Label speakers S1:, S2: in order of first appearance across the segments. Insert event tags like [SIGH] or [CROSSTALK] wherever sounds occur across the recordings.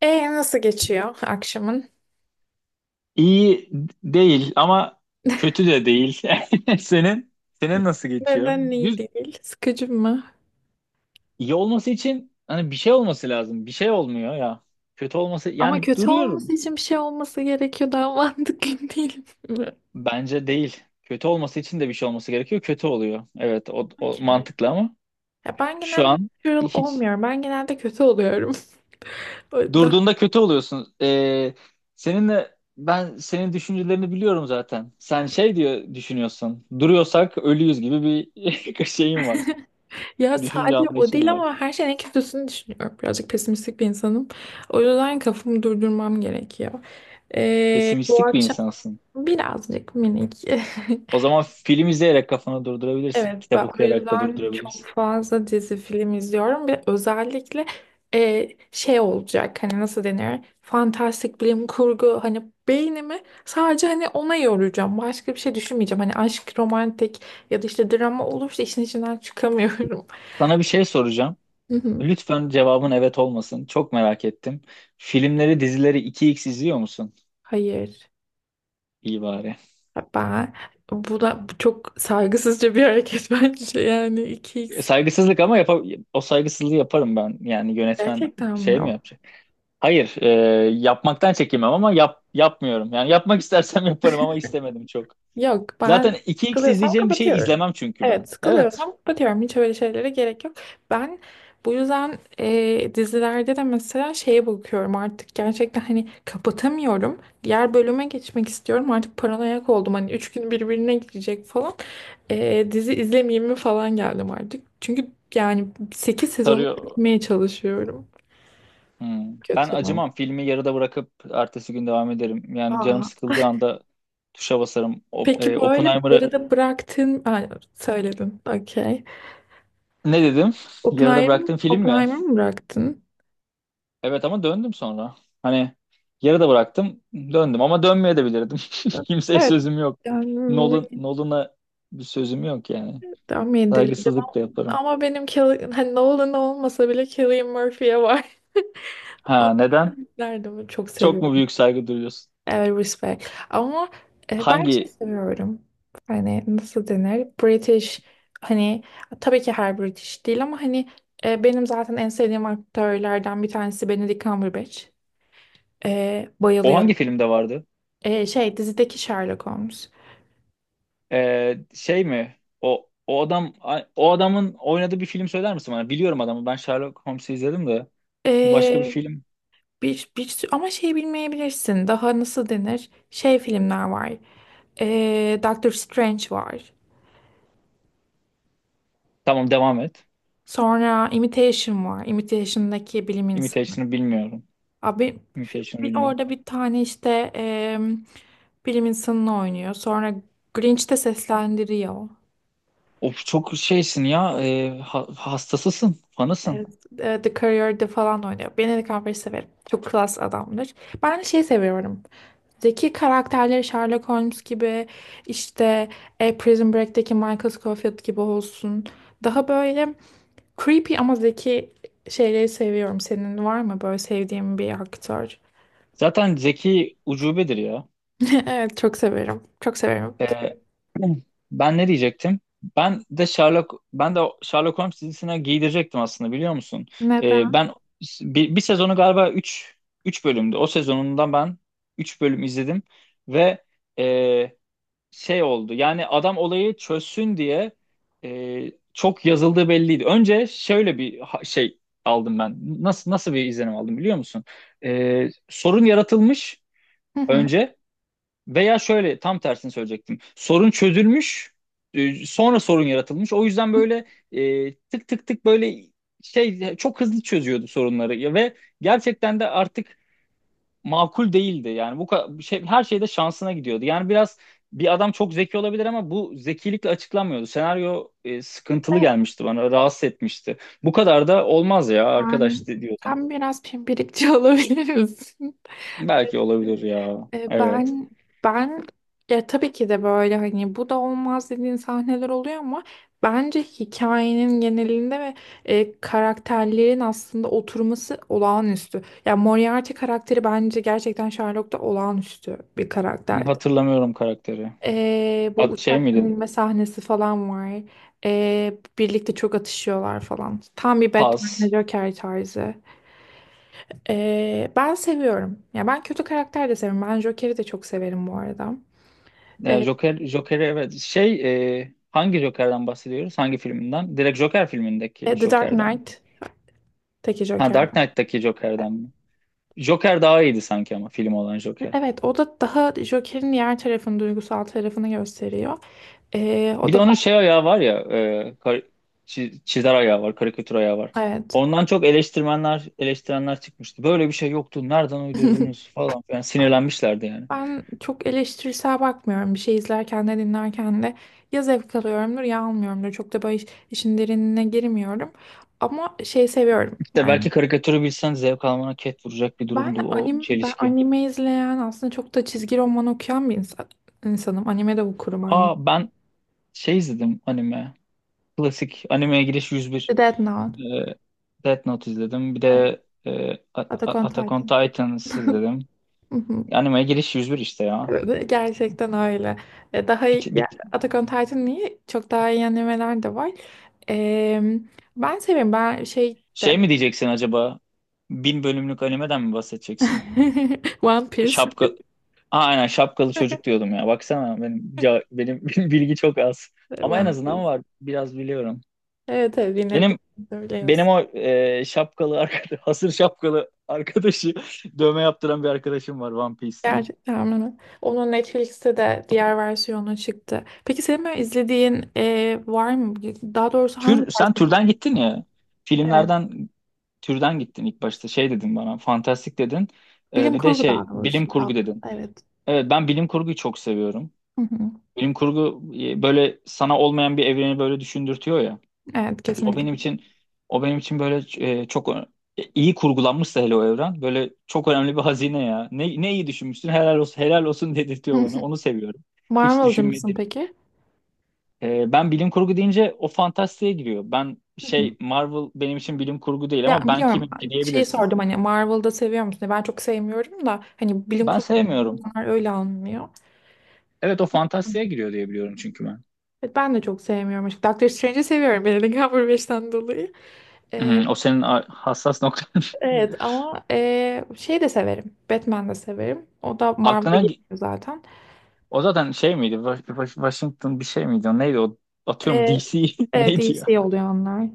S1: E nasıl geçiyor akşamın?
S2: İyi değil ama kötü
S1: [LAUGHS]
S2: de değil. [LAUGHS] Senin senin nasıl geçiyor?
S1: Neden iyi
S2: Düz
S1: değil? Sıkıcı mı?
S2: iyi olması için hani bir şey olması lazım. Bir şey olmuyor ya. Kötü olması
S1: Ama
S2: yani
S1: kötü
S2: duruyorum.
S1: olması için bir şey olması gerekiyor. Daha mantıklı [LAUGHS] değil mi?
S2: Bence değil. Kötü olması için de bir şey olması gerekiyor. Kötü oluyor. Evet o
S1: Okey.
S2: mantıklı ama
S1: Ya ben
S2: şu
S1: genelde
S2: an
S1: natural
S2: hiç
S1: olmuyorum. Ben genelde kötü oluyorum. [LAUGHS] O yüzden-
S2: durduğunda kötü oluyorsun. Seninle ben senin düşüncelerini biliyorum zaten. Sen şey diyor düşünüyorsun. Duruyorsak ölüyüz gibi bir [LAUGHS] şeyim var.
S1: Ya
S2: Düşünce
S1: sadece o
S2: anlayışım
S1: değil
S2: var.
S1: ama her şeyin en kötüsünü düşünüyorum. Birazcık pesimistik bir insanım. O yüzden kafamı durdurmam gerekiyor. Bu
S2: Pesimistik bir
S1: akşam
S2: insansın.
S1: birazcık minik. [LAUGHS]
S2: O zaman film izleyerek kafanı durdurabilirsin.
S1: Evet,
S2: Kitap
S1: ben o
S2: okuyarak da
S1: yüzden çok
S2: durdurabilirsin.
S1: fazla dizi film izliyorum ve özellikle şey olacak hani nasıl denir fantastik bilim kurgu hani beynimi sadece hani ona yoracağım başka bir şey düşünmeyeceğim hani aşk romantik ya da işte drama olursa işin içinden çıkamıyorum.
S2: Sana bir şey soracağım.
S1: [LAUGHS] Hı hı.
S2: Lütfen cevabın evet olmasın. Çok merak ettim. Filmleri, dizileri 2x izliyor musun?
S1: Hayır,
S2: İyi bari.
S1: ben bu çok saygısızca bir hareket [LAUGHS] bence yani 2x
S2: Saygısızlık ama o saygısızlığı yaparım ben. Yani yönetmen
S1: gerçekten mi?
S2: şey mi yapacak? Hayır, yapmaktan çekinmem ama yapmıyorum. Yani yapmak istersem [LAUGHS] yaparım ama istemedim çok.
S1: Yok,
S2: Zaten
S1: ben
S2: 2x
S1: sıkılıyorsam
S2: izleyeceğim bir şey
S1: kapatıyorum.
S2: izlemem çünkü
S1: Evet,
S2: ben. Evet,
S1: sıkılıyorsam kapatıyorum. Hiç öyle şeylere gerek yok. Ben bu yüzden dizilerde de mesela şeye bakıyorum artık gerçekten hani kapatamıyorum. Diğer bölüme geçmek istiyorum. Artık paranoyak oldum. Hani üç gün birbirine girecek falan. Dizi izlemeyeyim mi falan geldim artık. Çünkü yani 8 sezonu
S2: sarıyor.
S1: bitirmeye çalışıyorum.
S2: Hmm. Ben
S1: Kötü.
S2: acımam. Filmi yarıda bırakıp ertesi gün devam ederim. Yani canım
S1: Aa.
S2: sıkıldığı anda tuşa basarım. O,
S1: Peki böyle
S2: Oppenheimer'ı
S1: arada bıraktın. Aa, söyledin. Okey.
S2: ne dedim? Yarıda
S1: Oppenheimer,
S2: bıraktığım film mi?
S1: Oppenheimer mı bıraktın?
S2: Evet ama döndüm sonra. Hani yarıda bıraktım, döndüm ama dönmeye de bilirdim. [LAUGHS] Kimseye
S1: Evet.
S2: sözüm yok. Nolan,
S1: Yani
S2: Nolan'a bir sözüm yok yani.
S1: tahmin edebilirdim
S2: Saygısızlık
S1: ama
S2: da yaparım.
S1: ama benim Kill- hani Nolan olmasa bile Cillian Murphy'ye var. [LAUGHS] O
S2: Ha neden?
S1: yüzden çok
S2: Çok
S1: seviyorum.
S2: mu büyük saygı duyuyorsun?
S1: Evet, respect. Ama ben
S2: Hangi
S1: şey seviyorum. Hani nasıl denir? British hani, tabii ki her British değil ama hani, benim zaten en sevdiğim aktörlerden bir tanesi Benedict Cumberbatch.
S2: O
S1: Bayılıyorum.
S2: hangi filmde vardı?
S1: Şey dizideki Sherlock Holmes.
S2: Şey mi? O adamın oynadığı bir film söyler misin bana? Biliyorum adamı. Ben Sherlock Holmes'u izledim de. Başka bir
S1: E,
S2: film.
S1: bir sü- ama şey bilmeyebilirsin. Daha nasıl denir? Şey filmler var. Doctor Strange var.
S2: Tamam devam et.
S1: Sonra Imitation var. Imitation'daki bilim insanı.
S2: Imitation'ı bilmiyorum.
S1: Abi,
S2: Imitation'ı bilmiyorum.
S1: orada bir tane işte em, bilim insanını oynuyor. Sonra Grinch'te seslendiriyor.
S2: Of çok şeysin ya. Hastasısın. Fanısın.
S1: Evet, The Courier'de falan oynuyor. Benedict Cumberbatch'i severim. Çok klas adamdır. Ben hani şey seviyorum. Zeki karakterleri Sherlock Holmes gibi, işte, Prison Break'teki Michael Scofield gibi olsun. Daha böyle creepy ama zeki şeyleri seviyorum. Senin var mı böyle sevdiğin bir aktör?
S2: Zaten zeki ucubedir ya.
S1: [LAUGHS] Evet, çok severim. Çok severim.
S2: Ee, [CLEARS THROAT] Ben ne diyecektim? Ben de Sherlock Holmes dizisine giydirecektim aslında biliyor musun?
S1: Neden?
S2: Ben bir sezonu galiba üç bölümdü. O sezonundan ben 3 bölüm izledim ve e, şey oldu. Yani adam olayı çözsün diye çok yazıldığı belliydi. Önce şöyle bir şey aldım ben. Nasıl bir izlenim aldım biliyor musun? Sorun yaratılmış
S1: Hı hı.
S2: önce. Veya şöyle tam tersini söyleyecektim. Sorun çözülmüş, sonra sorun yaratılmış. O yüzden böyle tık tık tık böyle şey çok hızlı çözüyordu sorunları. Ya ve gerçekten de artık makul değildi. Yani bu şey her şeyde şansına gidiyordu. Yani biraz bir adam çok zeki olabilir ama bu zekilikle açıklanmıyordu. Senaryo sıkıntılı
S1: Ve
S2: gelmişti bana, rahatsız etmişti. Bu kadar da olmaz ya arkadaş
S1: sen,
S2: diyordum.
S1: sen biraz pimpirikçi [LAUGHS] olabilir misin?
S2: Belki olabilir ya.
S1: E,
S2: Evet.
S1: Ben ben ya tabii ki de böyle hani bu da olmaz dediğin sahneler oluyor ama bence hikayenin genelinde ve karakterlerin aslında oturması olağanüstü. Ya Moriarty karakteri bence gerçekten Sherlock'ta olağanüstü bir karakterdi.
S2: Hatırlamıyorum karakteri.
S1: Bu
S2: Şey
S1: uçak
S2: miydi?
S1: inme sahnesi falan var. Birlikte çok atışıyorlar falan. Tam bir Batman
S2: Paz.
S1: Joker tarzı. Ben seviyorum. Ya ben kötü karakter de severim. Ben Joker'i de çok severim bu arada.
S2: Joker'i evet. Hangi Joker'den bahsediyoruz? Hangi filminden? Direkt Joker filmindeki
S1: The Dark
S2: Joker'den mi?
S1: Knight'taki
S2: Ha
S1: Joker.
S2: Dark Knight'taki Joker'den mi? Joker daha iyiydi sanki ama film olan Joker.
S1: Evet, o da daha Joker'in diğer tarafını, duygusal tarafını gösteriyor.
S2: Bir
S1: O
S2: de
S1: da
S2: onun şey
S1: farklı.
S2: ayağı var ya, e, kar- çizer ayağı var, karikatür ayağı var.
S1: Evet.
S2: Ondan çok eleştirmenler eleştirenler çıkmıştı. Böyle bir şey yoktu. Nereden uydurdunuz
S1: [LAUGHS]
S2: falan filan. Sinirlenmişlerdi yani.
S1: Ben çok eleştirisel bakmıyorum. Bir şey izlerken de dinlerken de ya zevk alıyorumdur ya almıyorumdur. Çok da böyle iş- işin derinine girmiyorum. Ama şey seviyorum
S2: İşte
S1: yani.
S2: belki karikatürü bilsen zevk almana ket vuracak bir
S1: Ben
S2: durumdu o
S1: anime, ben
S2: çelişki.
S1: anime izleyen aslında çok da çizgi roman okuyan bir insan, insanım. Anime de okurum aynı.
S2: Aa ben şey izledim anime. Klasik animeye giriş
S1: The
S2: 101.
S1: Death Note.
S2: Ee, Death Note izledim. Bir
S1: Evet.
S2: de
S1: Attack on
S2: Attack on
S1: Titan.
S2: Titans izledim.
S1: [LAUGHS]
S2: Animeye giriş 101 işte ya.
S1: Evet, gerçekten öyle. Daha iyi,
S2: Bir,
S1: ya,
S2: bir-
S1: Attack on Titan'ın iyi, çok daha iyi animeler de var. E, Ben seviyorum. Ben şey de
S2: Şey mi diyeceksin acaba? Bin bölümlük animeden mi bahsedeceksin?
S1: [LAUGHS] One Piece.
S2: Şapka... Aa, aynen şapkalı çocuk
S1: [LAUGHS]
S2: diyordum ya. Baksana benim [LAUGHS] bilgi çok az. Ama en
S1: One
S2: azından
S1: Piece.
S2: var. Biraz biliyorum.
S1: Evet, evet, yine de
S2: Benim Benim
S1: söylüyorsun.
S2: şapkalı arkadaş, [LAUGHS] hasır şapkalı arkadaşı [LAUGHS] dövme yaptıran bir arkadaşım var One Piece'ten.
S1: Gerçekten öyle. Onun Netflix'te de diğer versiyonu çıktı. Peki senin böyle izlediğin var mı? Daha doğrusu hangi
S2: Tür,
S1: tarz
S2: sen
S1: filmler
S2: türden gittin
S1: izliyorsun?
S2: ya.
S1: Evet.
S2: Filmlerden türden gittin ilk başta. Şey dedin bana, fantastik dedin.
S1: Bilim
S2: Bir de
S1: kurgu
S2: şey,
S1: daha
S2: bilim
S1: doğrusu. Daha
S2: kurgu
S1: fazla,
S2: dedin.
S1: evet.
S2: Evet, ben bilim kurguyu çok seviyorum.
S1: Hı hı.
S2: Bilim kurgu böyle sana olmayan bir evreni böyle düşündürtüyor ya.
S1: Evet,
S2: O
S1: kesinlikle.
S2: benim için o benim için böyle e, çok ö- iyi kurgulanmışsa hele o evren böyle çok önemli bir hazine ya. Ne iyi düşünmüşsün helal olsun helal olsun dedirtiyor bana.
S1: [LAUGHS]
S2: Onu seviyorum. Hiç
S1: Marvel'cı mısın
S2: düşünmedim.
S1: peki?
S2: Ben bilim kurgu deyince o fantastiğe giriyor. Ben şey
S1: [LAUGHS]
S2: Marvel benim için bilim kurgu değil ama
S1: Ya
S2: ben
S1: biliyorum,
S2: kimim ki
S1: şey
S2: diyebilirsin.
S1: sordum hani Marvel'da seviyor musun diye. Ben çok sevmiyorum da hani bilim
S2: Ben
S1: kurgu
S2: sevmiyorum.
S1: insanlar öyle almıyor.
S2: Evet o fantastiğe giriyor diye biliyorum çünkü ben.
S1: Evet, ben de çok sevmiyorum, açıkçası. Doctor Strange'i seviyorum Benedict Cumberbatch'ten [LAUGHS] dolayı. Ee,
S2: O senin hassas noktan.
S1: evet
S2: [LAUGHS]
S1: ama şey de severim. Batman de severim. O da Marvel'da
S2: Aklına
S1: geliyor
S2: gi-
S1: zaten.
S2: O zaten şey miydi? Washington bir şey miydi? O neydi o? Atıyorum
S1: Ee,
S2: DC [LAUGHS]
S1: evet,
S2: neydi ya?
S1: DC oluyor onlar.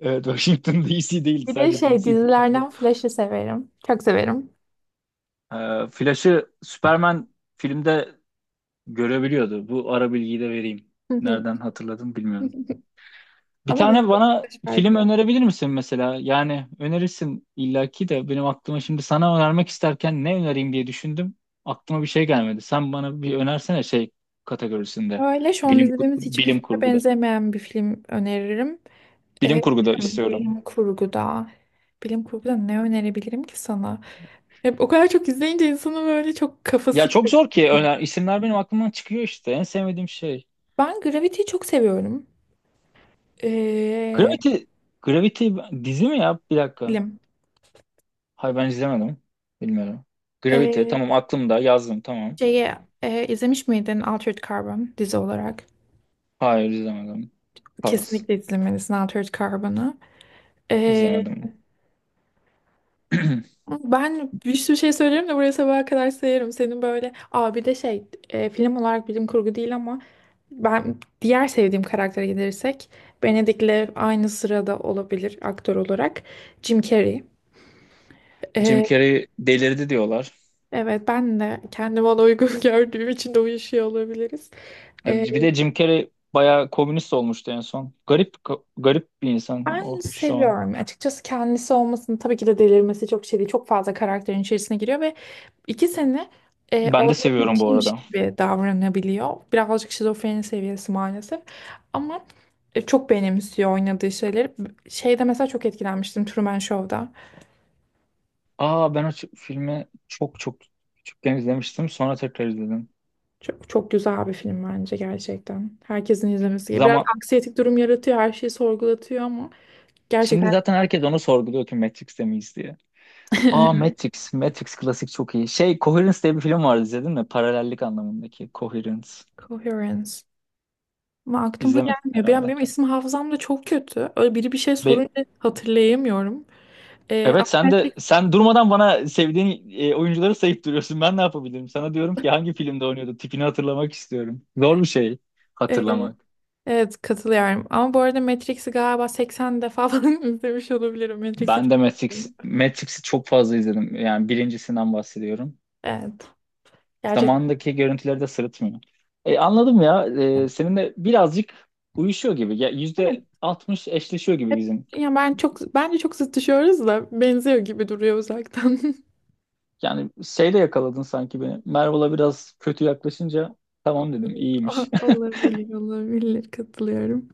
S2: Evet Washington DC değildi,
S1: Bir de
S2: sadece
S1: şey
S2: DC'di. Pardon.
S1: dizilerden Flash'ı severim. Çok severim.
S2: Flash'ı Superman filmde görebiliyordu. Bu ara bilgiyi de vereyim. Nereden hatırladım bilmiyorum.
S1: [LAUGHS]
S2: Bir
S1: Ama dizi
S2: tane bana film
S1: farklı.
S2: önerebilir misin mesela? Yani önerirsin illaki de benim aklıma şimdi sana önermek isterken ne önereyim diye düşündüm. Aklıma bir şey gelmedi. Sen bana bir önersene şey kategorisinde.
S1: Öyle şu an
S2: Bilim
S1: izlediğimiz hiçbir
S2: bilim
S1: filme
S2: kurguda.
S1: benzemeyen bir film öneririm.
S2: Bilim
S1: Ee,
S2: kurguda
S1: Bilim
S2: istiyorum.
S1: kurguda. Bilim kurguda ne önerebilirim ki sana? Hep o kadar çok izleyince insanın böyle çok
S2: Ya
S1: kafası
S2: çok zor ki
S1: karışıyor.
S2: öner, isimler benim aklımdan çıkıyor işte. En sevmediğim şey.
S1: Ben Gravity'yi çok seviyorum. Ee,
S2: Gravity, Gravity dizi mi ya? Bir dakika.
S1: Bilim.
S2: Hayır ben izlemedim. Bilmiyorum. Gravity
S1: Ee,
S2: tamam, aklımda yazdım tamam.
S1: Şeyi izlemiş miydin Altered Carbon dizi olarak?
S2: Hayır izlemedim. Pas.
S1: Kesinlikle izlemelisin Altered Carbon'ı. Ee,
S2: İzlemedim. [CLEARS THROAT]
S1: Ben bir sürü şey söylerim de buraya sabaha kadar sayarım. Senin böyle abi de şey, film olarak bilim kurgu değil ama ben diğer sevdiğim karaktere gelirsek Benedict'le aynı sırada olabilir aktör olarak Jim Carrey.
S2: Jim
S1: Ee,
S2: Carrey delirdi diyorlar.
S1: evet, ben de kendime ona uygun [LAUGHS] gördüğüm için de uyuşuyor olabiliriz. Ee,
S2: Bir de Jim Carrey bayağı komünist olmuştu en son. Garip garip bir insan
S1: Ben
S2: o şu an.
S1: seviyorum. Açıkçası kendisi olmasını tabii ki de delirmesi çok şey değil. Çok fazla karakterin içerisine giriyor ve iki sene
S2: Ben de
S1: olacak bir
S2: seviyorum bu
S1: şeymiş
S2: arada.
S1: gibi davranabiliyor. Birazcık şizofreni seviyesi maalesef. Ama çok benimsiyor oynadığı şeyleri. Şeyde mesela çok etkilenmiştim Truman Show'da.
S2: Aa ben o filmi çok çok küçükken izlemiştim. Sonra tekrar izledim.
S1: Çok, çok güzel bir film bence gerçekten. Herkesin izlemesi gerekiyor. Biraz
S2: Zaman
S1: anksiyetik durum yaratıyor, her şeyi sorgulatıyor ama
S2: Şimdi
S1: gerçekten
S2: zaten herkes onu sorguluyor ki Matrix'te miyiz diye. Aa
S1: güzel.
S2: Matrix. Matrix klasik çok iyi. Şey Coherence diye bir film vardı, izledin mi? Paralellik anlamındaki Coherence.
S1: [LAUGHS] Coherence. Ama aklıma
S2: İzlemedin
S1: gelmiyor. Benim,
S2: herhalde.
S1: benim isim hafızam da çok kötü. Öyle biri bir şey
S2: Be-
S1: sorunca hatırlayamıyorum. Ama
S2: evet sen
S1: Matrix,
S2: de durmadan bana sevdiğin oyuncuları sayıp duruyorsun. Ben ne yapabilirim? Sana diyorum ki hangi filmde oynuyordu? Tipini hatırlamak istiyorum. Zor bir şey
S1: e,
S2: hatırlamak.
S1: evet, katılıyorum. Ama bu arada Matrix'i galiba 80 defa falan [LAUGHS] izlemiş olabilirim. Matrix'i
S2: Ben
S1: çok
S2: de Matrix,
S1: seviyorum.
S2: Matrix'i çok fazla izledim. Yani birincisinden bahsediyorum.
S1: Evet. Gerçekten.
S2: Zamanındaki görüntüleri de sırıtmıyor. Anladım ya. Seninle birazcık uyuşuyor gibi. Ya,
S1: Evet.
S2: %60 eşleşiyor gibi
S1: Hep,
S2: bizim.
S1: ya ben çok, bence çok zıt düşüyoruz da benziyor gibi duruyor uzaktan. [LAUGHS]
S2: Yani şeyle yakaladın sanki beni. Merve'la biraz kötü yaklaşınca
S1: [LAUGHS]
S2: tamam dedim
S1: Olabilir,
S2: iyiymiş.
S1: olabilir, olabilir. Katılıyorum.